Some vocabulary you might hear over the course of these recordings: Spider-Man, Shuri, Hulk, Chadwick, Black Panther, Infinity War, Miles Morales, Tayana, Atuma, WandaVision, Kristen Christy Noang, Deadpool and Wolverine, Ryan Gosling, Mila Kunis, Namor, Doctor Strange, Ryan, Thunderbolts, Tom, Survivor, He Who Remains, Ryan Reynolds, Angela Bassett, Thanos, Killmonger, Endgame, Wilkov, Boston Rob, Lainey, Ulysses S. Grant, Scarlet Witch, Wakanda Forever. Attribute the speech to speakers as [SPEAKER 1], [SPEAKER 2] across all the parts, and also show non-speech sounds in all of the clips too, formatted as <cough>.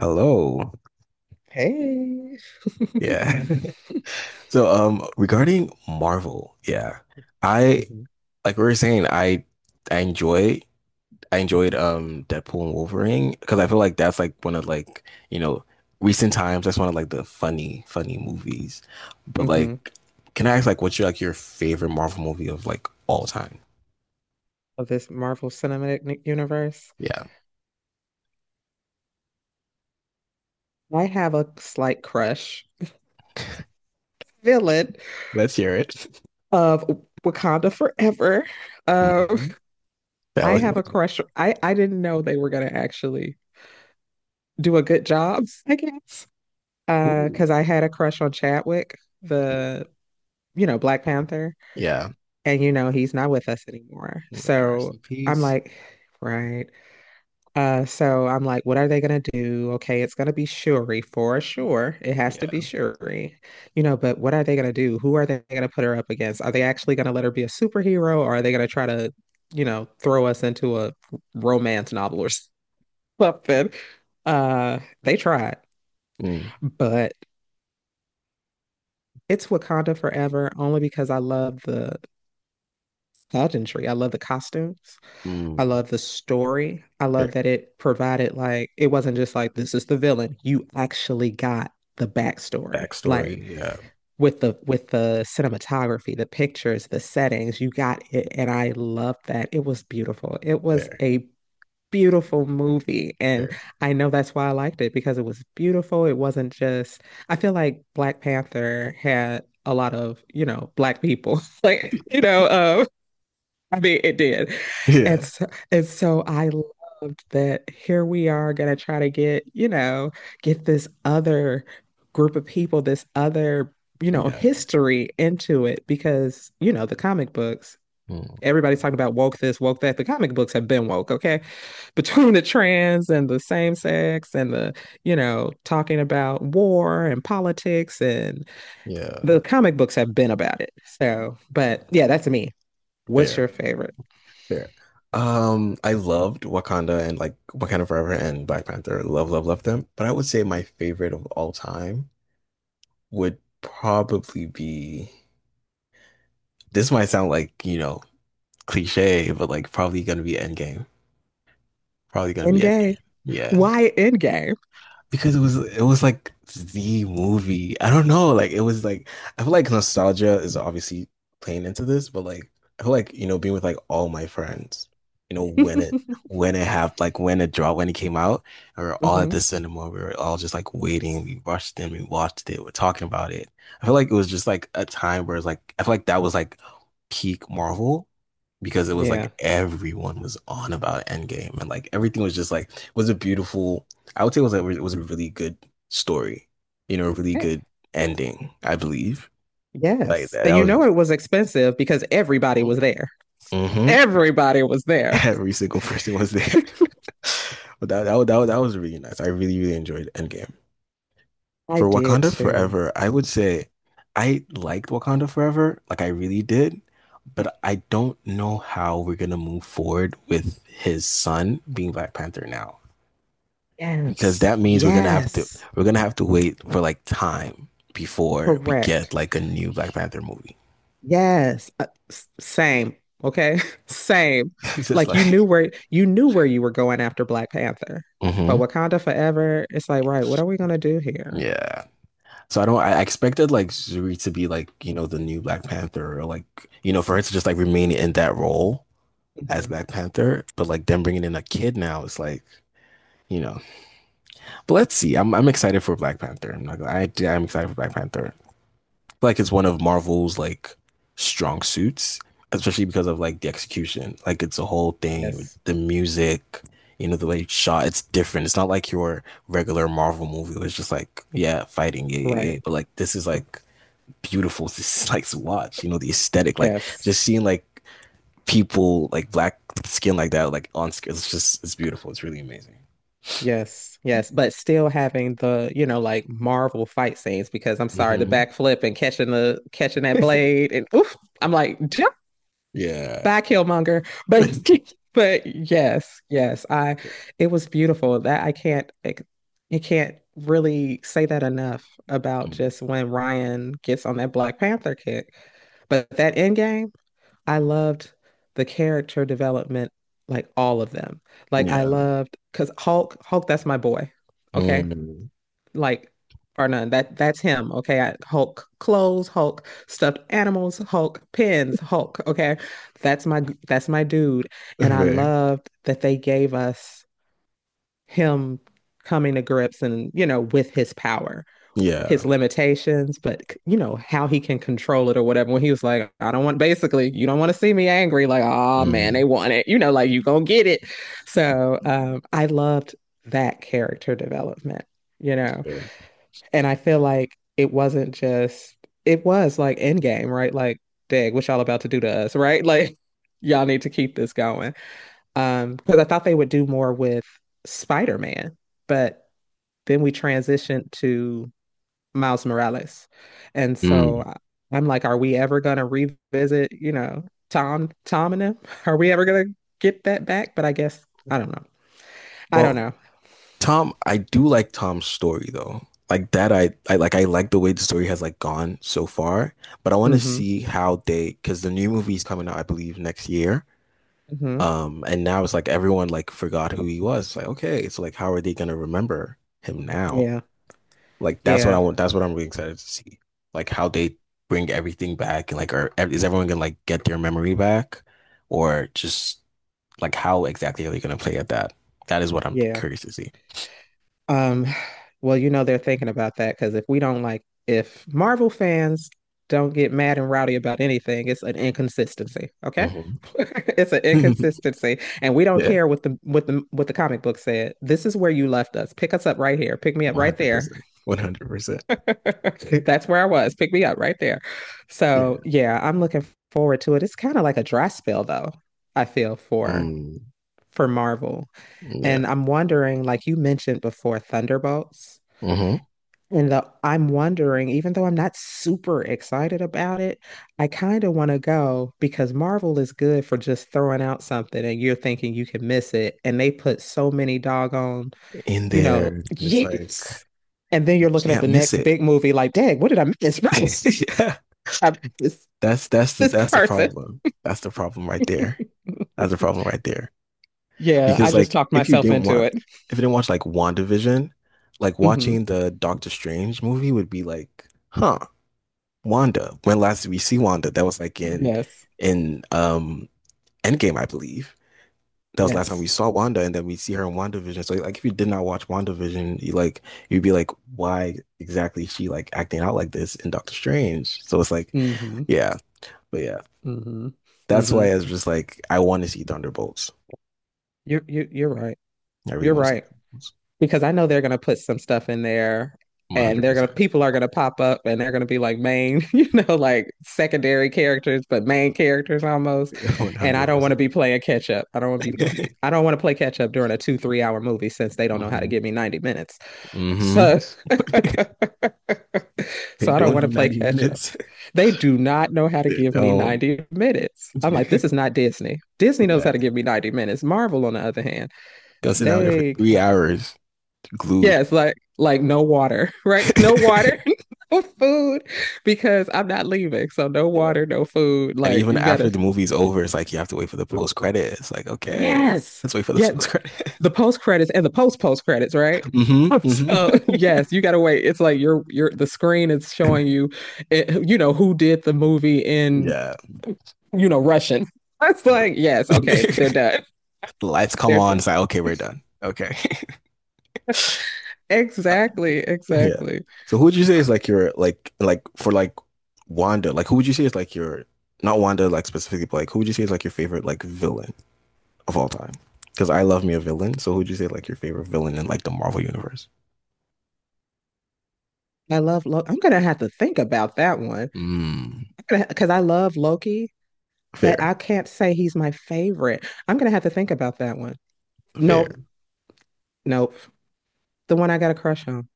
[SPEAKER 1] Hello.
[SPEAKER 2] Hey. <laughs>
[SPEAKER 1] Yeah. <laughs> So, regarding Marvel, yeah, I
[SPEAKER 2] Hmm.
[SPEAKER 1] like we were saying, I enjoy I enjoyed Deadpool and Wolverine because I feel like that's like one of like you know recent times that's one of like the funny movies. But
[SPEAKER 2] Hmm.
[SPEAKER 1] like, can I ask like what's your favorite Marvel movie of like all time?
[SPEAKER 2] Of this Marvel Cinematic Universe.
[SPEAKER 1] Yeah,
[SPEAKER 2] I have a slight crush, villain
[SPEAKER 1] let's hear it.
[SPEAKER 2] of Wakanda Forever.
[SPEAKER 1] <laughs>
[SPEAKER 2] Um,
[SPEAKER 1] Hmm. That
[SPEAKER 2] I
[SPEAKER 1] was, ooh.
[SPEAKER 2] have a crush. I didn't know they were gonna actually do a good job, I guess.
[SPEAKER 1] Mm-hmm.
[SPEAKER 2] Because I had a crush on Chadwick, the Black Panther,
[SPEAKER 1] Yeah.
[SPEAKER 2] and he's not with us anymore.
[SPEAKER 1] Mm, yeah. Rest
[SPEAKER 2] So
[SPEAKER 1] in
[SPEAKER 2] I'm
[SPEAKER 1] peace.
[SPEAKER 2] like, right. So I'm like, what are they gonna do? Okay, it's gonna be Shuri for sure. It has
[SPEAKER 1] Yeah.
[SPEAKER 2] to be Shuri, but what are they gonna do? Who are they gonna put her up against? Are they actually gonna let her be a superhero, or are they gonna try to, throw us into a romance novel or <laughs> something? They tried,
[SPEAKER 1] Mm.
[SPEAKER 2] but it's Wakanda Forever only because I love the pageantry. I love the costumes. I
[SPEAKER 1] Mm.
[SPEAKER 2] love the story. I love that it provided, like, it wasn't just like this is the villain. You actually got the backstory.
[SPEAKER 1] Backstory.
[SPEAKER 2] Like
[SPEAKER 1] Yeah,
[SPEAKER 2] with the cinematography, the pictures, the settings, you got it. And I love that. It was beautiful. It was
[SPEAKER 1] fair,
[SPEAKER 2] a beautiful movie. And
[SPEAKER 1] fair.
[SPEAKER 2] I know that's why I liked it, because it was beautiful. It wasn't just, I feel like Black Panther had a lot of, black people. <laughs> Like, I mean, it did. And
[SPEAKER 1] Yeah,
[SPEAKER 2] so, and so I loved that here we are gonna try to get, get this other group of people, this other,
[SPEAKER 1] yeah.
[SPEAKER 2] history into it, because, the comic books,
[SPEAKER 1] Mm.
[SPEAKER 2] everybody's talking about woke this, woke that. The comic books have been woke, okay? Between the trans and the same sex and the, talking about war and politics, and
[SPEAKER 1] Yeah,
[SPEAKER 2] the comic books have been about it. So, but yeah, that's me. What's
[SPEAKER 1] fair,
[SPEAKER 2] your favorite?
[SPEAKER 1] fair. I loved Wakanda and like Wakanda Forever and Black Panther. Love, love, love them. But I would say my
[SPEAKER 2] Mhm.
[SPEAKER 1] favorite of all time would probably be. This might sound like, cliche, but like probably gonna be Endgame. Probably gonna be
[SPEAKER 2] End game.
[SPEAKER 1] Endgame. Yeah.
[SPEAKER 2] Why end game?
[SPEAKER 1] Because it was like the movie. I don't know, like it was like I feel like nostalgia is obviously playing into this, but like I feel like being with like all my friends, you know
[SPEAKER 2] <laughs>
[SPEAKER 1] when it happened, like when it dropped, when it came out, and we were all at
[SPEAKER 2] Hmm.
[SPEAKER 1] the cinema. We were all just like waiting. We rushed in, we watched it, we're talking about it. I feel like it was just like a time where it's like I feel like that was like peak Marvel because it was like
[SPEAKER 2] Yeah.
[SPEAKER 1] everyone was on about Endgame and like everything was just like was a beautiful. I would say it was a, really good story, a really
[SPEAKER 2] Yeah.
[SPEAKER 1] good ending, I believe. Like
[SPEAKER 2] Yes.
[SPEAKER 1] that,
[SPEAKER 2] And
[SPEAKER 1] that
[SPEAKER 2] you
[SPEAKER 1] was.
[SPEAKER 2] know it was expensive because everybody was there.
[SPEAKER 1] hmm <laughs>
[SPEAKER 2] Everybody was there.
[SPEAKER 1] every single person was there. <laughs> But that was really nice. I really really enjoyed Endgame.
[SPEAKER 2] I
[SPEAKER 1] For
[SPEAKER 2] did
[SPEAKER 1] Wakanda
[SPEAKER 2] too.
[SPEAKER 1] Forever, I would say I liked Wakanda Forever, like I really did, but I don't know how we're gonna move forward with his son being Black Panther now. Because
[SPEAKER 2] Yes.
[SPEAKER 1] that means we're gonna have to
[SPEAKER 2] Yes.
[SPEAKER 1] wait for like time before we get
[SPEAKER 2] Correct.
[SPEAKER 1] like a new Black Panther movie.
[SPEAKER 2] Yes, same. Okay, <laughs> same.
[SPEAKER 1] <laughs> It's just
[SPEAKER 2] Like you knew
[SPEAKER 1] like.
[SPEAKER 2] where, you knew where you were going after Black Panther, but
[SPEAKER 1] hmm
[SPEAKER 2] Wakanda Forever, it's like, right, what are we gonna do here?
[SPEAKER 1] Yeah. So I don't. I expected like Zuri to be like you know the new Black Panther or like you know for her to just like remain in that role as
[SPEAKER 2] Mhm.
[SPEAKER 1] Black Panther, but like them bringing in a kid now it's like you know. But let's see. I'm excited for Black Panther. I'm not. Gonna- I am not I I am excited for Black Panther. Like it's one of Marvel's like strong suits, especially because of like the execution. Like it's a whole thing with
[SPEAKER 2] Yes,
[SPEAKER 1] the music, the way it's shot. It's different. It's not like your regular Marvel movie. It's just like yeah, fighting, yeah, yeah, yeah. But
[SPEAKER 2] right.
[SPEAKER 1] like this is like beautiful. This is <laughs> like to watch. The aesthetic. Like
[SPEAKER 2] Yes,
[SPEAKER 1] just seeing like people like black skin like that like on screen. It's just it's beautiful. It's really amazing.
[SPEAKER 2] yes, yes. But still having the, you know, like Marvel fight scenes, because I'm sorry, the
[SPEAKER 1] Hmm.
[SPEAKER 2] backflip and catching the, catching that
[SPEAKER 1] <laughs>
[SPEAKER 2] blade and oof, I'm like,
[SPEAKER 1] Yeah.
[SPEAKER 2] by Killmonger. But <laughs> but yes, yes, I, it was beautiful. That I can't, it, you can't really say that enough about just
[SPEAKER 1] <laughs>
[SPEAKER 2] when Ryan gets on that Black Panther kick. But that end game, I loved the character development, like all of them. Like I
[SPEAKER 1] Yeah.
[SPEAKER 2] loved, because Hulk, Hulk, that's my boy. Okay,
[SPEAKER 1] Mm.
[SPEAKER 2] like or none. That's him. Okay. Hulk clothes, Hulk stuffed animals, Hulk pins, Hulk. Okay. That's my, dude. And I
[SPEAKER 1] Okay.
[SPEAKER 2] loved that they gave us him coming to grips and, you know, with his power,
[SPEAKER 1] Yeah.
[SPEAKER 2] his limitations, but you know, how he can control it or whatever. When he was like, I don't want, basically, you don't want to see me angry, like, oh man, they
[SPEAKER 1] Mm,
[SPEAKER 2] want it. You know, like you gonna get it. So I loved that character development, you know.
[SPEAKER 1] fair.
[SPEAKER 2] And I feel like it wasn't just, it was like Endgame, right? Like, dang, what y'all about to do to us, right? <laughs> Like, y'all need to keep this going. Because I thought they would do more with Spider-Man, but then we transitioned to Miles Morales. And so
[SPEAKER 1] Mm.
[SPEAKER 2] I'm like, are we ever gonna revisit, you know, Tom and them? <laughs> Are we ever gonna get that back? But I guess I don't know. I don't
[SPEAKER 1] Well,
[SPEAKER 2] know.
[SPEAKER 1] Tom, I do like Tom's story though. Like that, I like the way the story has like gone so far. But I want to
[SPEAKER 2] Mm-hmm.
[SPEAKER 1] see how they because the new movie is coming out, I believe, next year.
[SPEAKER 2] Mm-hmm.
[SPEAKER 1] And now it's like everyone like forgot who he was. It's like, okay, it's like how are they gonna remember him now?
[SPEAKER 2] Yeah.
[SPEAKER 1] Like that's what I
[SPEAKER 2] Yeah.
[SPEAKER 1] want. That's what I'm really excited to see. Like how they bring everything back and like, is everyone gonna like get their memory back, or just like how exactly are they going to play at that? That is what I'm
[SPEAKER 2] Yeah.
[SPEAKER 1] curious to see.
[SPEAKER 2] Um, well, you know they're thinking about that, because if we don't, like, if Marvel fans don't get mad and rowdy about anything, it's an inconsistency. Okay,
[SPEAKER 1] Mm-hmm.
[SPEAKER 2] <laughs> it's an
[SPEAKER 1] <laughs>
[SPEAKER 2] inconsistency, and we don't
[SPEAKER 1] Yeah,
[SPEAKER 2] care what the what the comic book said. This is where you left us. Pick us up right here. Pick me up
[SPEAKER 1] one
[SPEAKER 2] right
[SPEAKER 1] hundred
[SPEAKER 2] there.
[SPEAKER 1] percent, 100%.
[SPEAKER 2] <laughs>
[SPEAKER 1] <laughs>
[SPEAKER 2] That's where I was. Pick me up right there. So
[SPEAKER 1] Yeah,
[SPEAKER 2] yeah, I'm looking forward to it. It's kind of like a dry spell, though. I feel for
[SPEAKER 1] mm,
[SPEAKER 2] for Marvel, and
[SPEAKER 1] yeah.
[SPEAKER 2] I'm wondering, like you mentioned before, Thunderbolts.
[SPEAKER 1] Mm-hmm.
[SPEAKER 2] I'm wondering, even though I'm not super excited about it, I kind of want to go, because Marvel is good for just throwing out something and you're thinking you can miss it. And they put so many doggone,
[SPEAKER 1] In there, and
[SPEAKER 2] <laughs>
[SPEAKER 1] it's like
[SPEAKER 2] yes. And then you're looking at
[SPEAKER 1] yeah,
[SPEAKER 2] the
[SPEAKER 1] miss
[SPEAKER 2] next
[SPEAKER 1] it.
[SPEAKER 2] big movie like, dang, what did I miss?
[SPEAKER 1] <laughs> Yeah,
[SPEAKER 2] <laughs> I missed this
[SPEAKER 1] that's that's the
[SPEAKER 2] this
[SPEAKER 1] that's the
[SPEAKER 2] person.
[SPEAKER 1] problem. That's the problem right there. That's the problem right there.
[SPEAKER 2] Yeah, I
[SPEAKER 1] Because
[SPEAKER 2] just
[SPEAKER 1] like,
[SPEAKER 2] talked myself into it.
[SPEAKER 1] if you didn't watch like WandaVision, like
[SPEAKER 2] Hmm.
[SPEAKER 1] watching the Doctor Strange movie would be like, huh, Wanda. When last did we see Wanda? That was like in
[SPEAKER 2] Yes.
[SPEAKER 1] in um Endgame, I believe. That was the last time we
[SPEAKER 2] Yes.
[SPEAKER 1] saw Wanda, and then we see her in WandaVision. So like if you did not watch WandaVision, you'd be like, why exactly is she like acting out like this in Doctor Strange? So it's like,
[SPEAKER 2] Hmm.
[SPEAKER 1] yeah, but yeah.
[SPEAKER 2] Hmm.
[SPEAKER 1] That's
[SPEAKER 2] Hmm.
[SPEAKER 1] why I was just like, I want to see Thunderbolts.
[SPEAKER 2] You're right.
[SPEAKER 1] I really
[SPEAKER 2] You're
[SPEAKER 1] want to see
[SPEAKER 2] right.
[SPEAKER 1] Thunderbolts.
[SPEAKER 2] Because I know they're going to put some stuff in there,
[SPEAKER 1] One
[SPEAKER 2] and
[SPEAKER 1] hundred
[SPEAKER 2] they're going to
[SPEAKER 1] percent.
[SPEAKER 2] people are going to pop up and they're going to be like main, <laughs> you know, like secondary characters but main characters almost.
[SPEAKER 1] <laughs> One
[SPEAKER 2] And I
[SPEAKER 1] hundred
[SPEAKER 2] don't want to
[SPEAKER 1] percent.
[SPEAKER 2] be playing catch up. I don't want to play catch up during a 2-3 hour movie, since they don't know how to
[SPEAKER 1] Mm-hmm.
[SPEAKER 2] give me 90 minutes.
[SPEAKER 1] Mm-hmm.
[SPEAKER 2] So <laughs> so
[SPEAKER 1] <laughs>
[SPEAKER 2] I
[SPEAKER 1] They
[SPEAKER 2] don't
[SPEAKER 1] don't
[SPEAKER 2] want
[SPEAKER 1] do
[SPEAKER 2] to play
[SPEAKER 1] ninety
[SPEAKER 2] catch up.
[SPEAKER 1] minutes. <laughs>
[SPEAKER 2] They do not know how to
[SPEAKER 1] They
[SPEAKER 2] give me
[SPEAKER 1] don't.
[SPEAKER 2] 90 minutes. I'm like,
[SPEAKER 1] <laughs>
[SPEAKER 2] this is not Disney. Disney knows
[SPEAKER 1] Yeah,
[SPEAKER 2] how to give me 90 minutes. Marvel on the other hand,
[SPEAKER 1] go sit down there for
[SPEAKER 2] they,
[SPEAKER 1] 3 hours, glued.
[SPEAKER 2] yes, like no water, <laughs> right? No water,
[SPEAKER 1] <laughs>
[SPEAKER 2] <laughs> no food, because I'm not leaving. So no
[SPEAKER 1] Yeah.
[SPEAKER 2] water, no food.
[SPEAKER 1] And
[SPEAKER 2] Like
[SPEAKER 1] even
[SPEAKER 2] you
[SPEAKER 1] after
[SPEAKER 2] gotta,
[SPEAKER 1] the movie's over, it's like you have to wait for the post credit. It's like, okay,
[SPEAKER 2] yes,
[SPEAKER 1] let's wait for the
[SPEAKER 2] yeah. th-
[SPEAKER 1] post credit.
[SPEAKER 2] The, post credits and the post post credits, right?
[SPEAKER 1] <laughs>
[SPEAKER 2] <laughs>
[SPEAKER 1] Hmm, hmm.
[SPEAKER 2] So yes, you gotta wait. It's like you're, the screen is showing you, it, who did the movie in,
[SPEAKER 1] <laughs> Yeah.
[SPEAKER 2] Russian. <laughs> It's like
[SPEAKER 1] <laughs>
[SPEAKER 2] yes, okay, they're
[SPEAKER 1] The
[SPEAKER 2] done.
[SPEAKER 1] lights
[SPEAKER 2] <laughs>
[SPEAKER 1] come
[SPEAKER 2] They're done.
[SPEAKER 1] on. It's like, okay, we're done. Okay. <laughs> Uh,
[SPEAKER 2] Exactly,
[SPEAKER 1] yeah.
[SPEAKER 2] exactly.
[SPEAKER 1] So who would you say is like your like for like Wanda? Like who would you say is like your not Wanda like specifically, but like who would you say is like your favorite like villain of all time? Because I love me a villain. So who'd you say like your favorite villain in like the Marvel universe?
[SPEAKER 2] I love Loki. I'm gonna have to think about that one.
[SPEAKER 1] Mm.
[SPEAKER 2] I'm gonna, because I love Loki, but
[SPEAKER 1] Fair,
[SPEAKER 2] I can't say he's my favorite. I'm gonna have to think about that one.
[SPEAKER 1] fair.
[SPEAKER 2] Nope, nope. The one I got a crush on.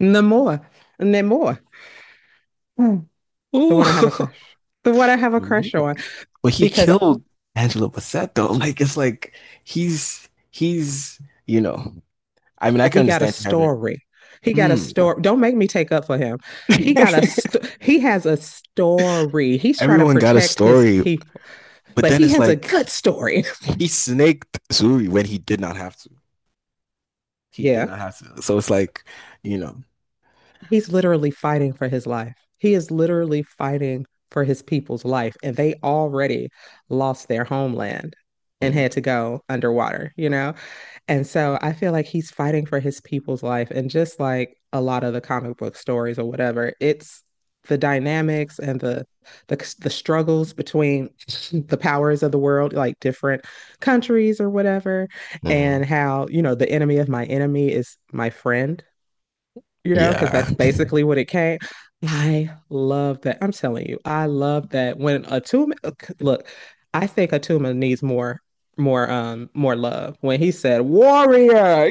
[SPEAKER 2] Namor. Namor. Hmm. The
[SPEAKER 1] Ooh.
[SPEAKER 2] one I have a crush. The one I have a crush on.
[SPEAKER 1] <laughs> But he
[SPEAKER 2] Because
[SPEAKER 1] killed Angela Bassett though. <laughs> Like it's like he's you know. I mean, I can
[SPEAKER 2] he got a
[SPEAKER 1] understand you having it.
[SPEAKER 2] story. He got a
[SPEAKER 1] Mm.
[SPEAKER 2] story. Don't make me take up for him. He got a he has a story.
[SPEAKER 1] <laughs>
[SPEAKER 2] He's trying to
[SPEAKER 1] Everyone got a
[SPEAKER 2] protect his
[SPEAKER 1] story,
[SPEAKER 2] people,
[SPEAKER 1] but
[SPEAKER 2] but
[SPEAKER 1] then
[SPEAKER 2] he
[SPEAKER 1] it's
[SPEAKER 2] has a
[SPEAKER 1] like
[SPEAKER 2] good story.
[SPEAKER 1] he snaked Suri when he did not have to.
[SPEAKER 2] <laughs>
[SPEAKER 1] He did
[SPEAKER 2] Yeah.
[SPEAKER 1] not have to. So it's like, you know.
[SPEAKER 2] He's literally fighting for his life. He is literally fighting for his people's life, and they already lost their homeland and
[SPEAKER 1] Mm,
[SPEAKER 2] had to go underwater, you know? And so I feel like he's fighting for his people's life. And just like a lot of the comic book stories or whatever, it's the dynamics and the, struggles between <laughs> the powers of the world, like different countries or whatever, and
[SPEAKER 1] mm,
[SPEAKER 2] how, you know, the enemy of my enemy is my friend, because
[SPEAKER 1] yeah.
[SPEAKER 2] that's basically what it came. I love that. I'm telling you, I love that when Atuma, look, I think Atuma needs more, more love. When he said warrior,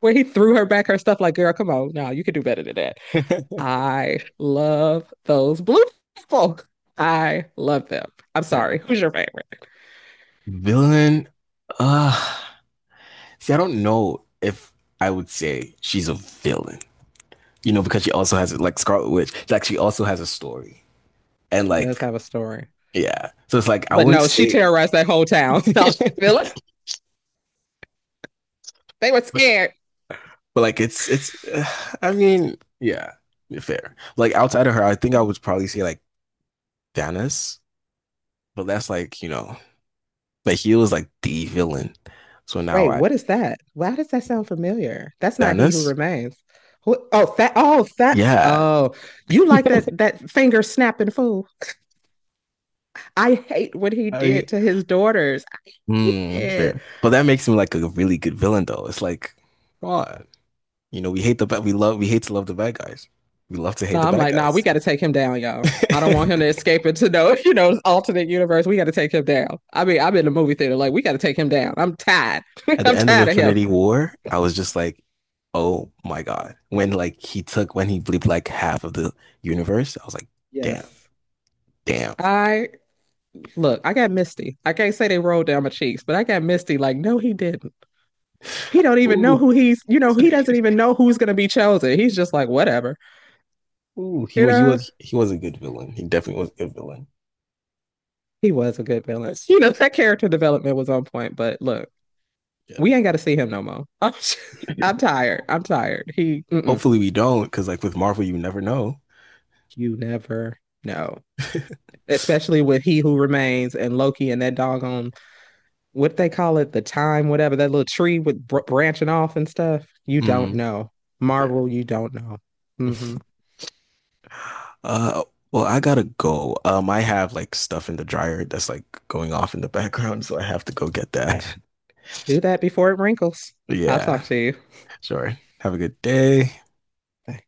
[SPEAKER 2] when he threw her back her stuff, like, girl, come on, no, you can do better than that. I love those blue people. I love them. I'm
[SPEAKER 1] <laughs>
[SPEAKER 2] sorry.
[SPEAKER 1] Fair.
[SPEAKER 2] Who's your favorite?
[SPEAKER 1] Villain? Uh, see, I don't know if I would say she's a villain, because she also has like Scarlet Witch, like she also has a story. And
[SPEAKER 2] He does
[SPEAKER 1] like,
[SPEAKER 2] have a story.
[SPEAKER 1] yeah. So it's like I
[SPEAKER 2] But
[SPEAKER 1] wouldn't
[SPEAKER 2] no, she
[SPEAKER 1] say
[SPEAKER 2] terrorized that whole
[SPEAKER 1] <laughs>
[SPEAKER 2] town. <laughs> No, they were
[SPEAKER 1] but,
[SPEAKER 2] scared.
[SPEAKER 1] but like it's I mean, yeah, fair. Like outside of her, I think I would probably say like Thanos, but that's like, but he was like the villain. So now
[SPEAKER 2] Wait,
[SPEAKER 1] I
[SPEAKER 2] what is that? Why does that sound familiar? That's not He Who
[SPEAKER 1] Thanos?
[SPEAKER 2] Remains. Who, oh, that. Oh, that.
[SPEAKER 1] Yeah.
[SPEAKER 2] Oh, you like that finger snapping fool? I hate what he
[SPEAKER 1] I mean,
[SPEAKER 2] did to his daughters. I hate
[SPEAKER 1] hmm,
[SPEAKER 2] it.
[SPEAKER 1] fair. But that makes him like a really good villain though. It's like, come on. We hate to love the bad guys. We love to
[SPEAKER 2] No,
[SPEAKER 1] hate the
[SPEAKER 2] I'm
[SPEAKER 1] bad
[SPEAKER 2] like, nah, we
[SPEAKER 1] guys.
[SPEAKER 2] got to take him down, y'all. I don't
[SPEAKER 1] <laughs>
[SPEAKER 2] want him to escape into no, <laughs> you know, alternate universe. We got to take him down. I mean, I'm in the movie theater, like we got to take him down. I'm tired. <laughs>
[SPEAKER 1] At the
[SPEAKER 2] I'm
[SPEAKER 1] end of
[SPEAKER 2] tired of him.
[SPEAKER 1] Infinity War, I was just like, oh my God. When like he took when he bleeped like half of the universe, I was like, damn,
[SPEAKER 2] Yes.
[SPEAKER 1] damn.
[SPEAKER 2] I look, I got misty. I can't say they rolled down my cheeks, but I got misty. Like, no, he didn't. He don't even
[SPEAKER 1] Ooh.
[SPEAKER 2] know who
[SPEAKER 1] <laughs>
[SPEAKER 2] he doesn't even know who's going to be chosen. He's just like, whatever,
[SPEAKER 1] Ooh, he
[SPEAKER 2] you
[SPEAKER 1] wa- he
[SPEAKER 2] know.
[SPEAKER 1] was he was a good villain. He definitely was a good villain.
[SPEAKER 2] He was a good villain. You know, that character development was on point. But look,
[SPEAKER 1] Yeah.
[SPEAKER 2] we ain't got to see him no more. <laughs> I'm tired. I'm tired. He, mm-mm.
[SPEAKER 1] Hopefully we don't, because like with Marvel, you never know.
[SPEAKER 2] You never know, especially with He Who Remains and Loki and that doggone, what they call it, the time, whatever, that little tree with branching off and stuff. You don't
[SPEAKER 1] Mm.
[SPEAKER 2] know,
[SPEAKER 1] Fair.
[SPEAKER 2] Marvel. You don't know. Mm-hmm.
[SPEAKER 1] <laughs> Uh, well, I gotta go. I have like stuff in the dryer that's like going off in the <laughs> background, so I have to go get that. <laughs>
[SPEAKER 2] Do that before it wrinkles. I'll talk
[SPEAKER 1] Yeah,
[SPEAKER 2] to you.
[SPEAKER 1] sure. Have a good day.
[SPEAKER 2] Bye.